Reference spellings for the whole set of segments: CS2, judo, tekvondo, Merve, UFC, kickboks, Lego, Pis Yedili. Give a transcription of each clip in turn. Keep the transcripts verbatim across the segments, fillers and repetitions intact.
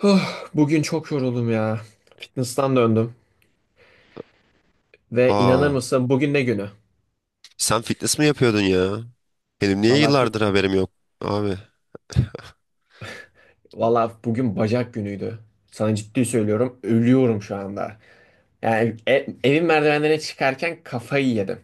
Huh, bugün çok yoruldum ya. Fitness'tan döndüm ve inanır Aa, mısın bugün ne günü? sen fitness mi yapıyordun ya? Benim niye Valla fit, yıllardır haberim yok abi? valla bugün bacak günüydü. Sana ciddi söylüyorum, ölüyorum şu anda. Yani e- evin merdivenlerine çıkarken kafayı yedim.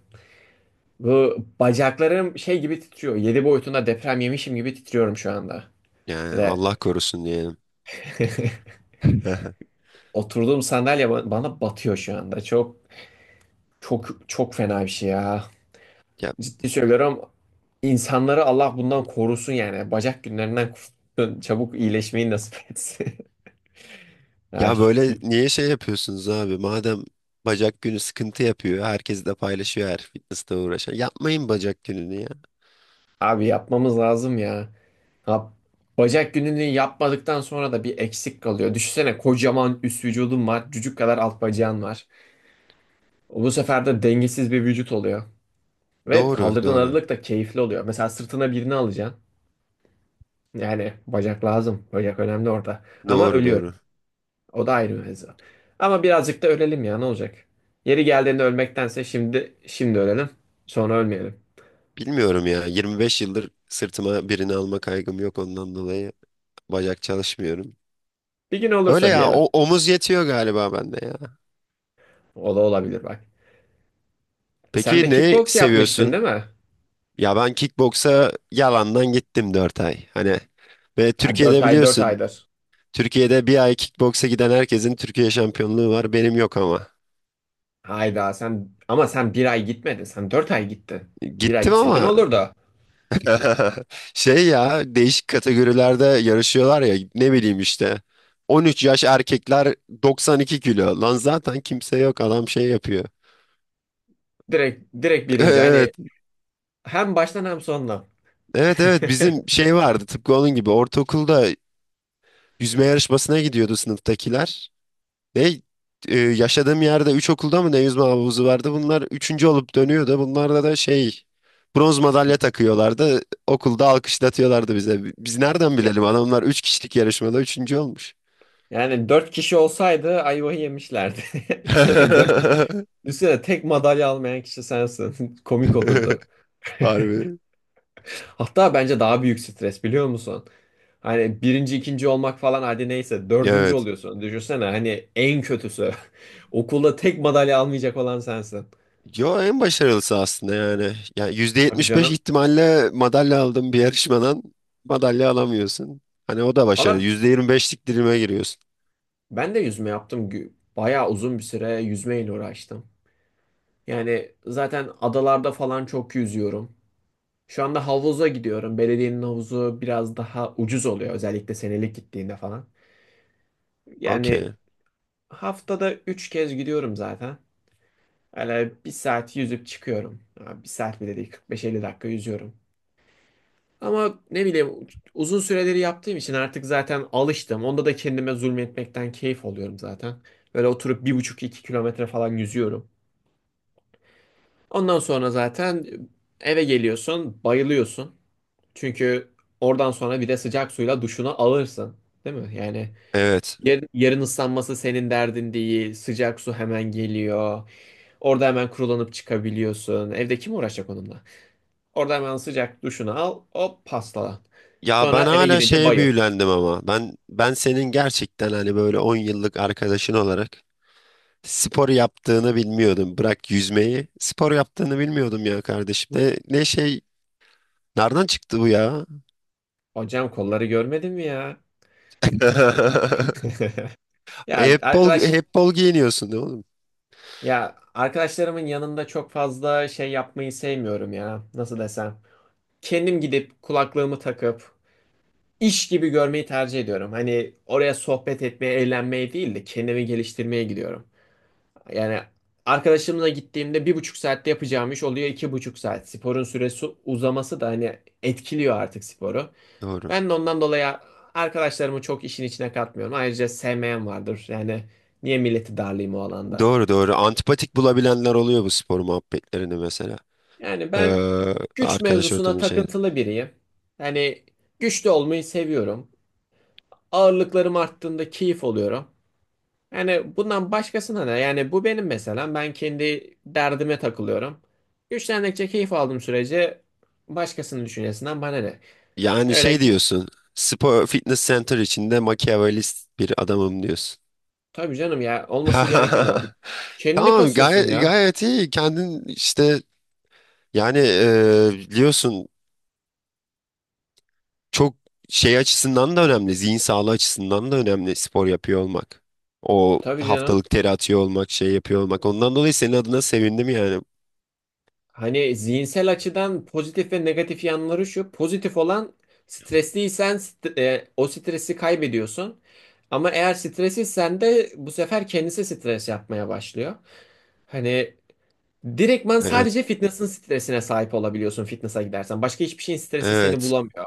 Bu bacaklarım şey gibi titriyor. Yedi boyutunda deprem yemişim gibi titriyorum şu anda. Yani Ve Allah korusun diyelim. oturduğum sandalye ba- bana batıyor şu anda. Çok çok çok fena bir şey ya. Ya, Ciddi söylüyorum. İnsanları Allah bundan korusun yani. Bacak günlerinden korusun. Çabuk iyileşmeyi nasip etsin. Ya ya şu- böyle niye şey yapıyorsunuz abi? Madem bacak günü sıkıntı yapıyor, herkes de paylaşıyor her fitnessle uğraşan. Yapmayın bacak gününü ya. Abi yapmamız lazım ya. Ha, bacak gününü yapmadıktan sonra da bir eksik kalıyor. Düşünsene kocaman üst vücudun var. Cücük kadar alt bacağın var. Bu sefer de dengesiz bir vücut oluyor. Ve Doğru, kaldırdığın doğru. ağırlık da keyifli oluyor. Mesela sırtına birini alacaksın. Yani bacak lazım. Bacak önemli orada. Ama Doğru ölüyor. doğru. O da ayrı mevzu. Ama birazcık da ölelim ya, ne olacak? Yeri geldiğinde ölmektense şimdi şimdi ölelim. Sonra ölmeyelim. Bilmiyorum ya. yirmi beş yıldır sırtıma birini alma kaygım yok ondan dolayı bacak çalışmıyorum. Bir gün Öyle olursa ya o, diyelim. omuz yetiyor galiba bende ya. O da olabilir bak. Sen de Peki ne kickbox yapmıştın seviyorsun? değil mi? Ya ben kickboksa yalandan gittim dört ay. Hani ve Ya dört Türkiye'de ay dört biliyorsun, aydır. Türkiye'de bir ay kickboksa giden herkesin Türkiye şampiyonluğu var benim yok ama. Hayda sen, ama sen bir ay gitmedin. Sen dört ay gittin. Bir ay Gittim gitseydin ama. olur da. Şey ya, değişik kategorilerde yarışıyorlar ya ne bileyim işte, on üç yaş erkekler doksan iki kilo lan zaten kimse yok, adam şey yapıyor. Direkt direkt birinci, Evet hani hem baştan hem sondan. evet evet, bizim şey vardı tıpkı onun gibi ortaokulda, yüzme yarışmasına gidiyordu sınıftakiler. Ve e, yaşadığım yerde üç okulda mı ne yüzme havuzu vardı, bunlar üçüncü olup dönüyordu, bunlarda da şey, bronz madalya takıyorlardı, okulda alkışlatıyorlardı bize. Biz nereden Ya- bilelim adamlar üç kişilik yarışmada üçüncü olmuş. Yani dört kişi olsaydı ayvayı yemişlerdi. Dö- Düşünsene, tek madalya almayan kişi sensin. Komik olurdu. Harbi. Hatta bence daha büyük stres, biliyor musun? Hani birinci, ikinci olmak falan, hadi neyse, dördüncü Evet. oluyorsun. Düşünsene hani, en kötüsü. Okulda tek madalya almayacak olan sensin. Yo, en başarılısı aslında yani. Ya yüzde Tabii yetmiş beş canım. ihtimalle madalya aldım, bir yarışmadan madalya alamıyorsun. Hani o da Valla başarılı. Beşlik dilime giriyorsun. ben de yüzme yaptım. Gü- Bayağı uzun bir süre yüzmeyle uğraştım. Yani zaten adalarda falan çok yüzüyorum. Şu anda havuza gidiyorum. Belediyenin havuzu biraz daha ucuz oluyor. Özellikle senelik gittiğinde falan. Yani Okey. haftada üç kez gidiyorum zaten. Hani bir saat yüzüp çıkıyorum. Ha, bir saat bile değil, kırk beş elli dakika yüzüyorum. Ama ne bileyim, uzun süreleri yaptığım için artık zaten alıştım. Onda da kendime zulmetmekten keyif alıyorum zaten. Böyle oturup bir buçuk iki kilometre falan yüzüyorum. Ondan sonra zaten eve geliyorsun, bayılıyorsun. Çünkü oradan sonra bir de sıcak suyla duşunu alırsın. Değil mi? Yani Evet. yarın, yarın ıslanması senin derdin değil. Sıcak su hemen geliyor. Orada hemen kurulanıp çıkabiliyorsun. Evde kim uğraşacak onunla? Orada hemen sıcak duşunu al. Hop, pastalan. Ya Sonra ben eve hala gidince şeye bayıl. büyülendim ama. Ben ben senin gerçekten hani böyle on yıllık arkadaşın olarak spor yaptığını bilmiyordum. Bırak yüzmeyi. Spor yaptığını bilmiyordum ya kardeşim. Ne, ne şey, nereden çıktı bu ya? Hocam, kolları görmedin mi ya? Ya Hep bol, arkadaş, hep bol giyiniyorsun değil mi oğlum? ya arkadaşlarımın yanında çok fazla şey yapmayı sevmiyorum ya. Nasıl desem? Kendim gidip kulaklığımı takıp iş gibi görmeyi tercih ediyorum. Hani oraya sohbet etmeye, eğlenmeye değil de kendimi geliştirmeye gidiyorum. Yani arkadaşımla gittiğimde bir buçuk saatte yapacağım iş oluyor iki buçuk saat. Sporun süresi uzaması da hani etkiliyor artık sporu. Doğru. Ben de ondan dolayı arkadaşlarımı çok işin içine katmıyorum. Ayrıca sevmeyen vardır. Yani niye milleti darlayayım o alanda? Doğru doğru. Antipatik bulabilenler oluyor bu spor muhabbetlerini mesela. Yani ben Ee, güç arkadaş mevzusuna ortamı şey. takıntılı biriyim. Yani güçlü olmayı seviyorum. Ağırlıklarım arttığında keyif oluyorum. Yani bundan başkasına ne? Yani bu benim mesela. Ben kendi derdime takılıyorum. Güçlendikçe keyif aldığım sürece başkasının düşüncesinden bana ne? Yani Öyle şey ki- diyorsun. Spor Fitness Center içinde makyavelist bir adamım diyorsun. tabii canım ya, olması gereken o. Kendini Tamam, kasıyorsun gayet ya. gayet iyi kendin işte. Yani e, biliyorsun, çok şey açısından da önemli, zihin sağlığı açısından da önemli spor yapıyor olmak. O Tabii canım. haftalık teri atıyor olmak, şey yapıyor olmak, ondan dolayı senin adına sevindim yani. Hani zihinsel açıdan pozitif ve negatif yanları şu. Pozitif olan, stresliysen st- e, o stresi kaybediyorsun. Ama eğer stresliysen de bu sefer kendisi stres yapmaya başlıyor. Hani direktman Evet sadece fitness'ın stresine sahip olabiliyorsun fitness'a gidersen. Başka hiçbir şeyin stresi seni evet. bulamıyor.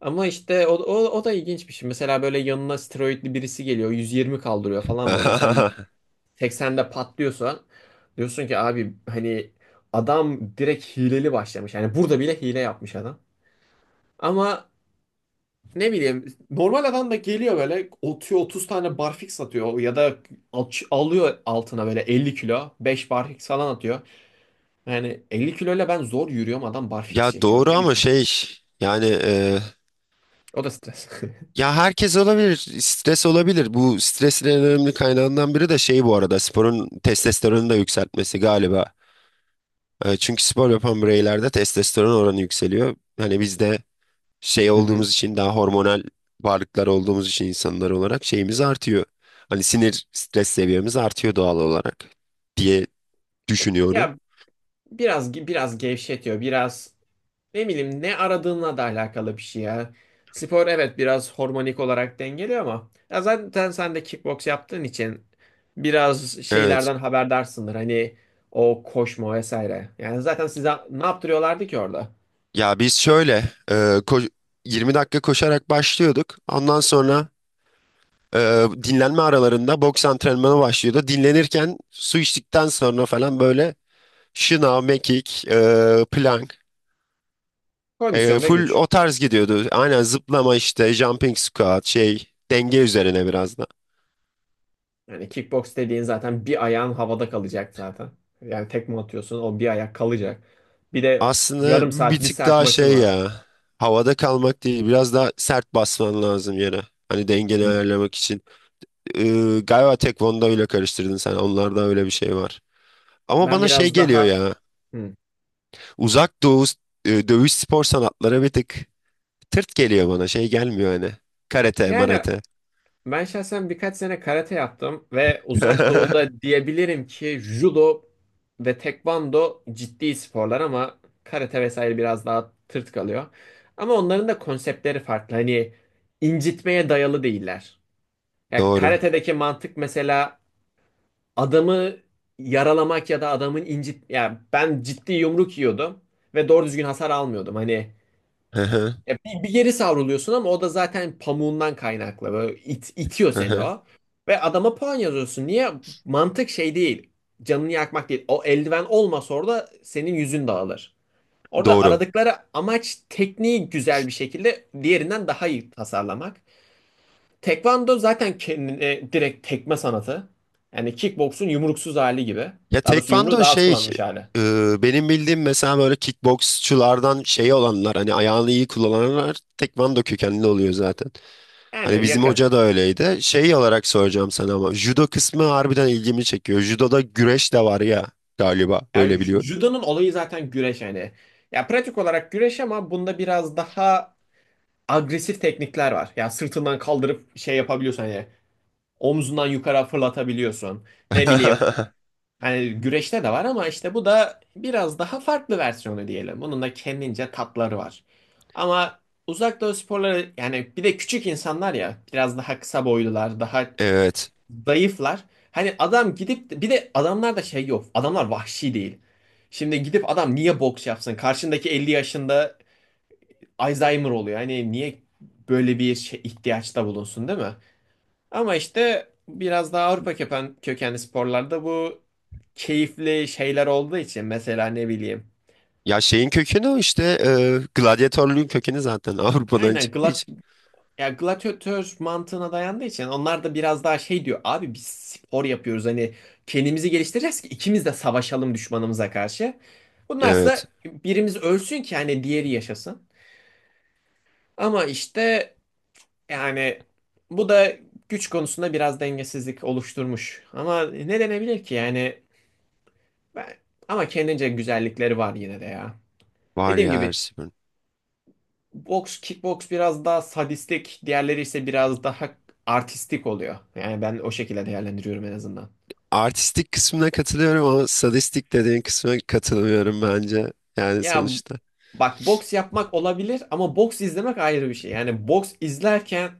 Ama işte o, o, o da ilginç bir şey. Mesela böyle yanına steroidli birisi geliyor, yüz yirmi kaldırıyor falan böyle. Sen seksende patlıyorsa diyorsun ki abi, hani adam direkt hileli başlamış. Yani burada bile hile yapmış adam. Ama ne bileyim, normal adam da geliyor, böyle atıyor otuz tane barfix atıyor ya da aç- alıyor altına böyle elli kilo beş barfix falan atıyor. Yani elli kiloyla ben zor yürüyorum, adam barfix Ya çekiyor, doğru ne ama bileyim. şey yani e, O da stres. ya herkes olabilir, stres olabilir. Bu stresin en önemli kaynağından biri de şey, bu arada, sporun testosteronu da yükseltmesi galiba. E, Çünkü spor yapan bireylerde testosteron oranı yükseliyor. Hani biz de şey Hı hı. olduğumuz için, daha hormonal varlıklar olduğumuz için, insanlar olarak şeyimiz artıyor. Hani sinir stres seviyemiz artıyor doğal olarak diye düşünüyorum. Ya biraz biraz gevşetiyor biraz. Ne bileyim, ne aradığınla da alakalı bir şey ya. Spor evet biraz hormonik olarak dengeliyor ama ya zaten sen de kickbox yaptığın için biraz Evet. şeylerden haberdarsındır. Hani o koşma vesaire. Yani zaten size ne yaptırıyorlardı ki orada? Ya biz şöyle e, ko- yirmi dakika koşarak başlıyorduk. Ondan sonra e, dinlenme aralarında boks antrenmanı başlıyordu. Dinlenirken su içtikten sonra falan böyle şınav, mekik, e, plank. E, Kondisyon ve Full güç. o tarz gidiyordu. Aynen, zıplama işte, jumping squat şey, denge üzerine biraz da. Yani kickbox dediğin, zaten bir ayağın havada kalacak zaten. Yani tekme atıyorsun, o bir ayak kalacak. Bir de Aslında yarım bir saat bir tık saat daha maçın şey var. ya, havada kalmak değil, biraz daha sert basman lazım yere. Hani dengeni Hmm. ayarlamak için. E, galiba tekvondo ile karıştırdın sen, onlarda öyle bir şey var. Ama Ben bana şey biraz geliyor daha. ya, Hmm. uzak doğu e, dövüş spor sanatları bir tık tırt geliyor bana, şey gelmiyor hani. Karate, Yani marate. ben şahsen birkaç sene karate yaptım ve Uzak Doğu'da diyebilirim ki judo ve tekvando ciddi sporlar ama karate vesaire biraz daha tırt kalıyor. Ama onların da konseptleri farklı. Hani incitmeye dayalı değiller. Ya Doğru. karate'deki mantık mesela, adamı yaralamak ya da adamın incit, ya ben ciddi yumruk yiyordum ve doğru düzgün hasar almıyordum. Hani ya bir, bir geri savruluyorsun ama o da zaten pamuğundan kaynaklı. Böyle it, itiyor seni o. Ve adama puan yazıyorsun. Niye? Mantık şey değil. Canını yakmak değil. O eldiven olmasa orada senin yüzün dağılır. Orada Doğru. aradıkları amaç, tekniği güzel bir şekilde diğerinden daha iyi tasarlamak. Tekvando zaten kendine e, direkt tekme sanatı. Yani kickboksun yumruksuz hali gibi. Ya Daha doğrusu yumruğu tekvando daha az şey, kullanmış hali. e, benim bildiğim mesela böyle kickboksçulardan şey olanlar, hani ayağını iyi kullananlar, tekvando kökenli oluyor zaten. Yani Hani bizim yakın. hoca da öyleydi. Şey olarak soracağım sana ama judo kısmı harbiden ilgimi çekiyor. Judoda güreş de var ya, galiba Yani öyle biliyorum. judo'nun olayı zaten güreş yani. Ya pratik olarak güreş ama bunda biraz daha agresif teknikler var. Ya sırtından kaldırıp şey yapabiliyorsun, hani omzundan yukarı fırlatabiliyorsun. Ne bileyim, hani güreşte de var ama işte bu da biraz daha farklı versiyonu diyelim. Bunun da kendince tatları var. Ama uzak doğu sporları yani, bir de küçük insanlar, ya biraz daha kısa boylular, daha Evet. zayıflar. Hani adam gidip de- bir de adamlar da şey yok. Adamlar vahşi değil. Şimdi gidip adam niye boks yapsın? Karşındaki elli yaşında Alzheimer oluyor. Hani niye böyle bir şey, ihtiyaçta bulunsun değil mi? Ama işte biraz daha Avrupa köken, kökenli sporlarda bu keyifli şeyler olduğu için mesela, ne bileyim. Ya şeyin kökeni o işte, e, gladyatörlüğün kökeni zaten Avrupa'dan Aynen. çıktığı için. Ya gladyatör mantığına dayandığı için onlar da biraz daha şey diyor. Abi biz spor yapıyoruz, hani kendimizi geliştireceğiz ki ikimiz de savaşalım düşmanımıza karşı. Evet. Bunlarsa birimiz ölsün ki hani diğeri yaşasın. Ama işte yani, bu da güç konusunda biraz dengesizlik oluşturmuş. Ama ne denebilir ki yani, ben, ama kendince güzellikleri var yine de ya. Var Dediğim ya, her gibi, şey var. boks, kickboks biraz daha sadistik, diğerleri ise biraz daha artistik oluyor. Yani ben o şekilde değerlendiriyorum en azından. Artistik kısmına katılıyorum ama sadistik dediğin kısmına katılmıyorum bence. Yani Ya sonuçta. bak, boks yapmak olabilir ama boks izlemek ayrı bir şey. Yani boks izlerken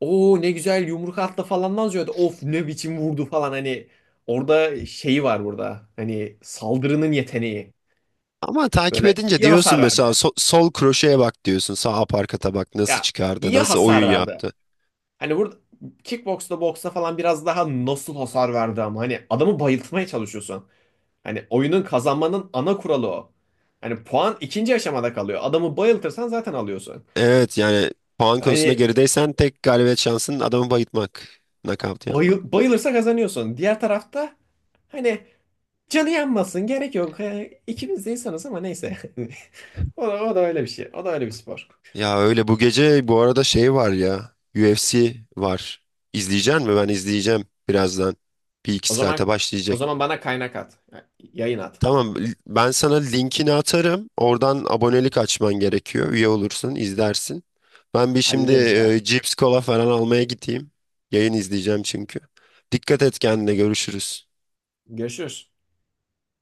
o ne güzel yumruk attı falan yazıyor da of ne biçim vurdu falan, hani orada şeyi var burada. Hani saldırının yeteneği. Ama takip Böyle edince iyi hasar diyorsun mesela, verdi. so- sol kroşeye bak diyorsun. Sağ aparkata bak, nasıl Ya çıkardı, iyi nasıl oyun hasar verdi. yaptı. Hani burada kickboksta, boksta falan biraz daha nasıl hasar verdi, ama hani adamı bayıltmaya çalışıyorsun. Hani oyunun, kazanmanın ana kuralı o. Hani puan ikinci aşamada kalıyor. Adamı bayıltırsan zaten alıyorsun. Evet yani, puan konusunda Hani gerideysen tek galibiyet şansın adamı bayıltmak. Knockout yapmak. bayıl, bayılırsa kazanıyorsun. Diğer tarafta hani canı yanmasın, gerek yok. He, İkimiz de insanız ama neyse. O da, o da öyle bir şey. O da öyle bir spor. Ya öyle, bu gece bu arada şey var ya. U F C var. İzleyecek mi? Ben izleyeceğim birazdan. Bir iki O zaman saate o başlayacak. zaman bana kaynak at. Yayın at. Tamam, l- ben sana linkini atarım. Oradan abonelik açman gerekiyor. Üye olursun, izlersin. Ben bir şimdi Hallederiz ya. e, cips, kola falan almaya gideyim. Yayın izleyeceğim çünkü. Dikkat et kendine, görüşürüz. Görüşürüz.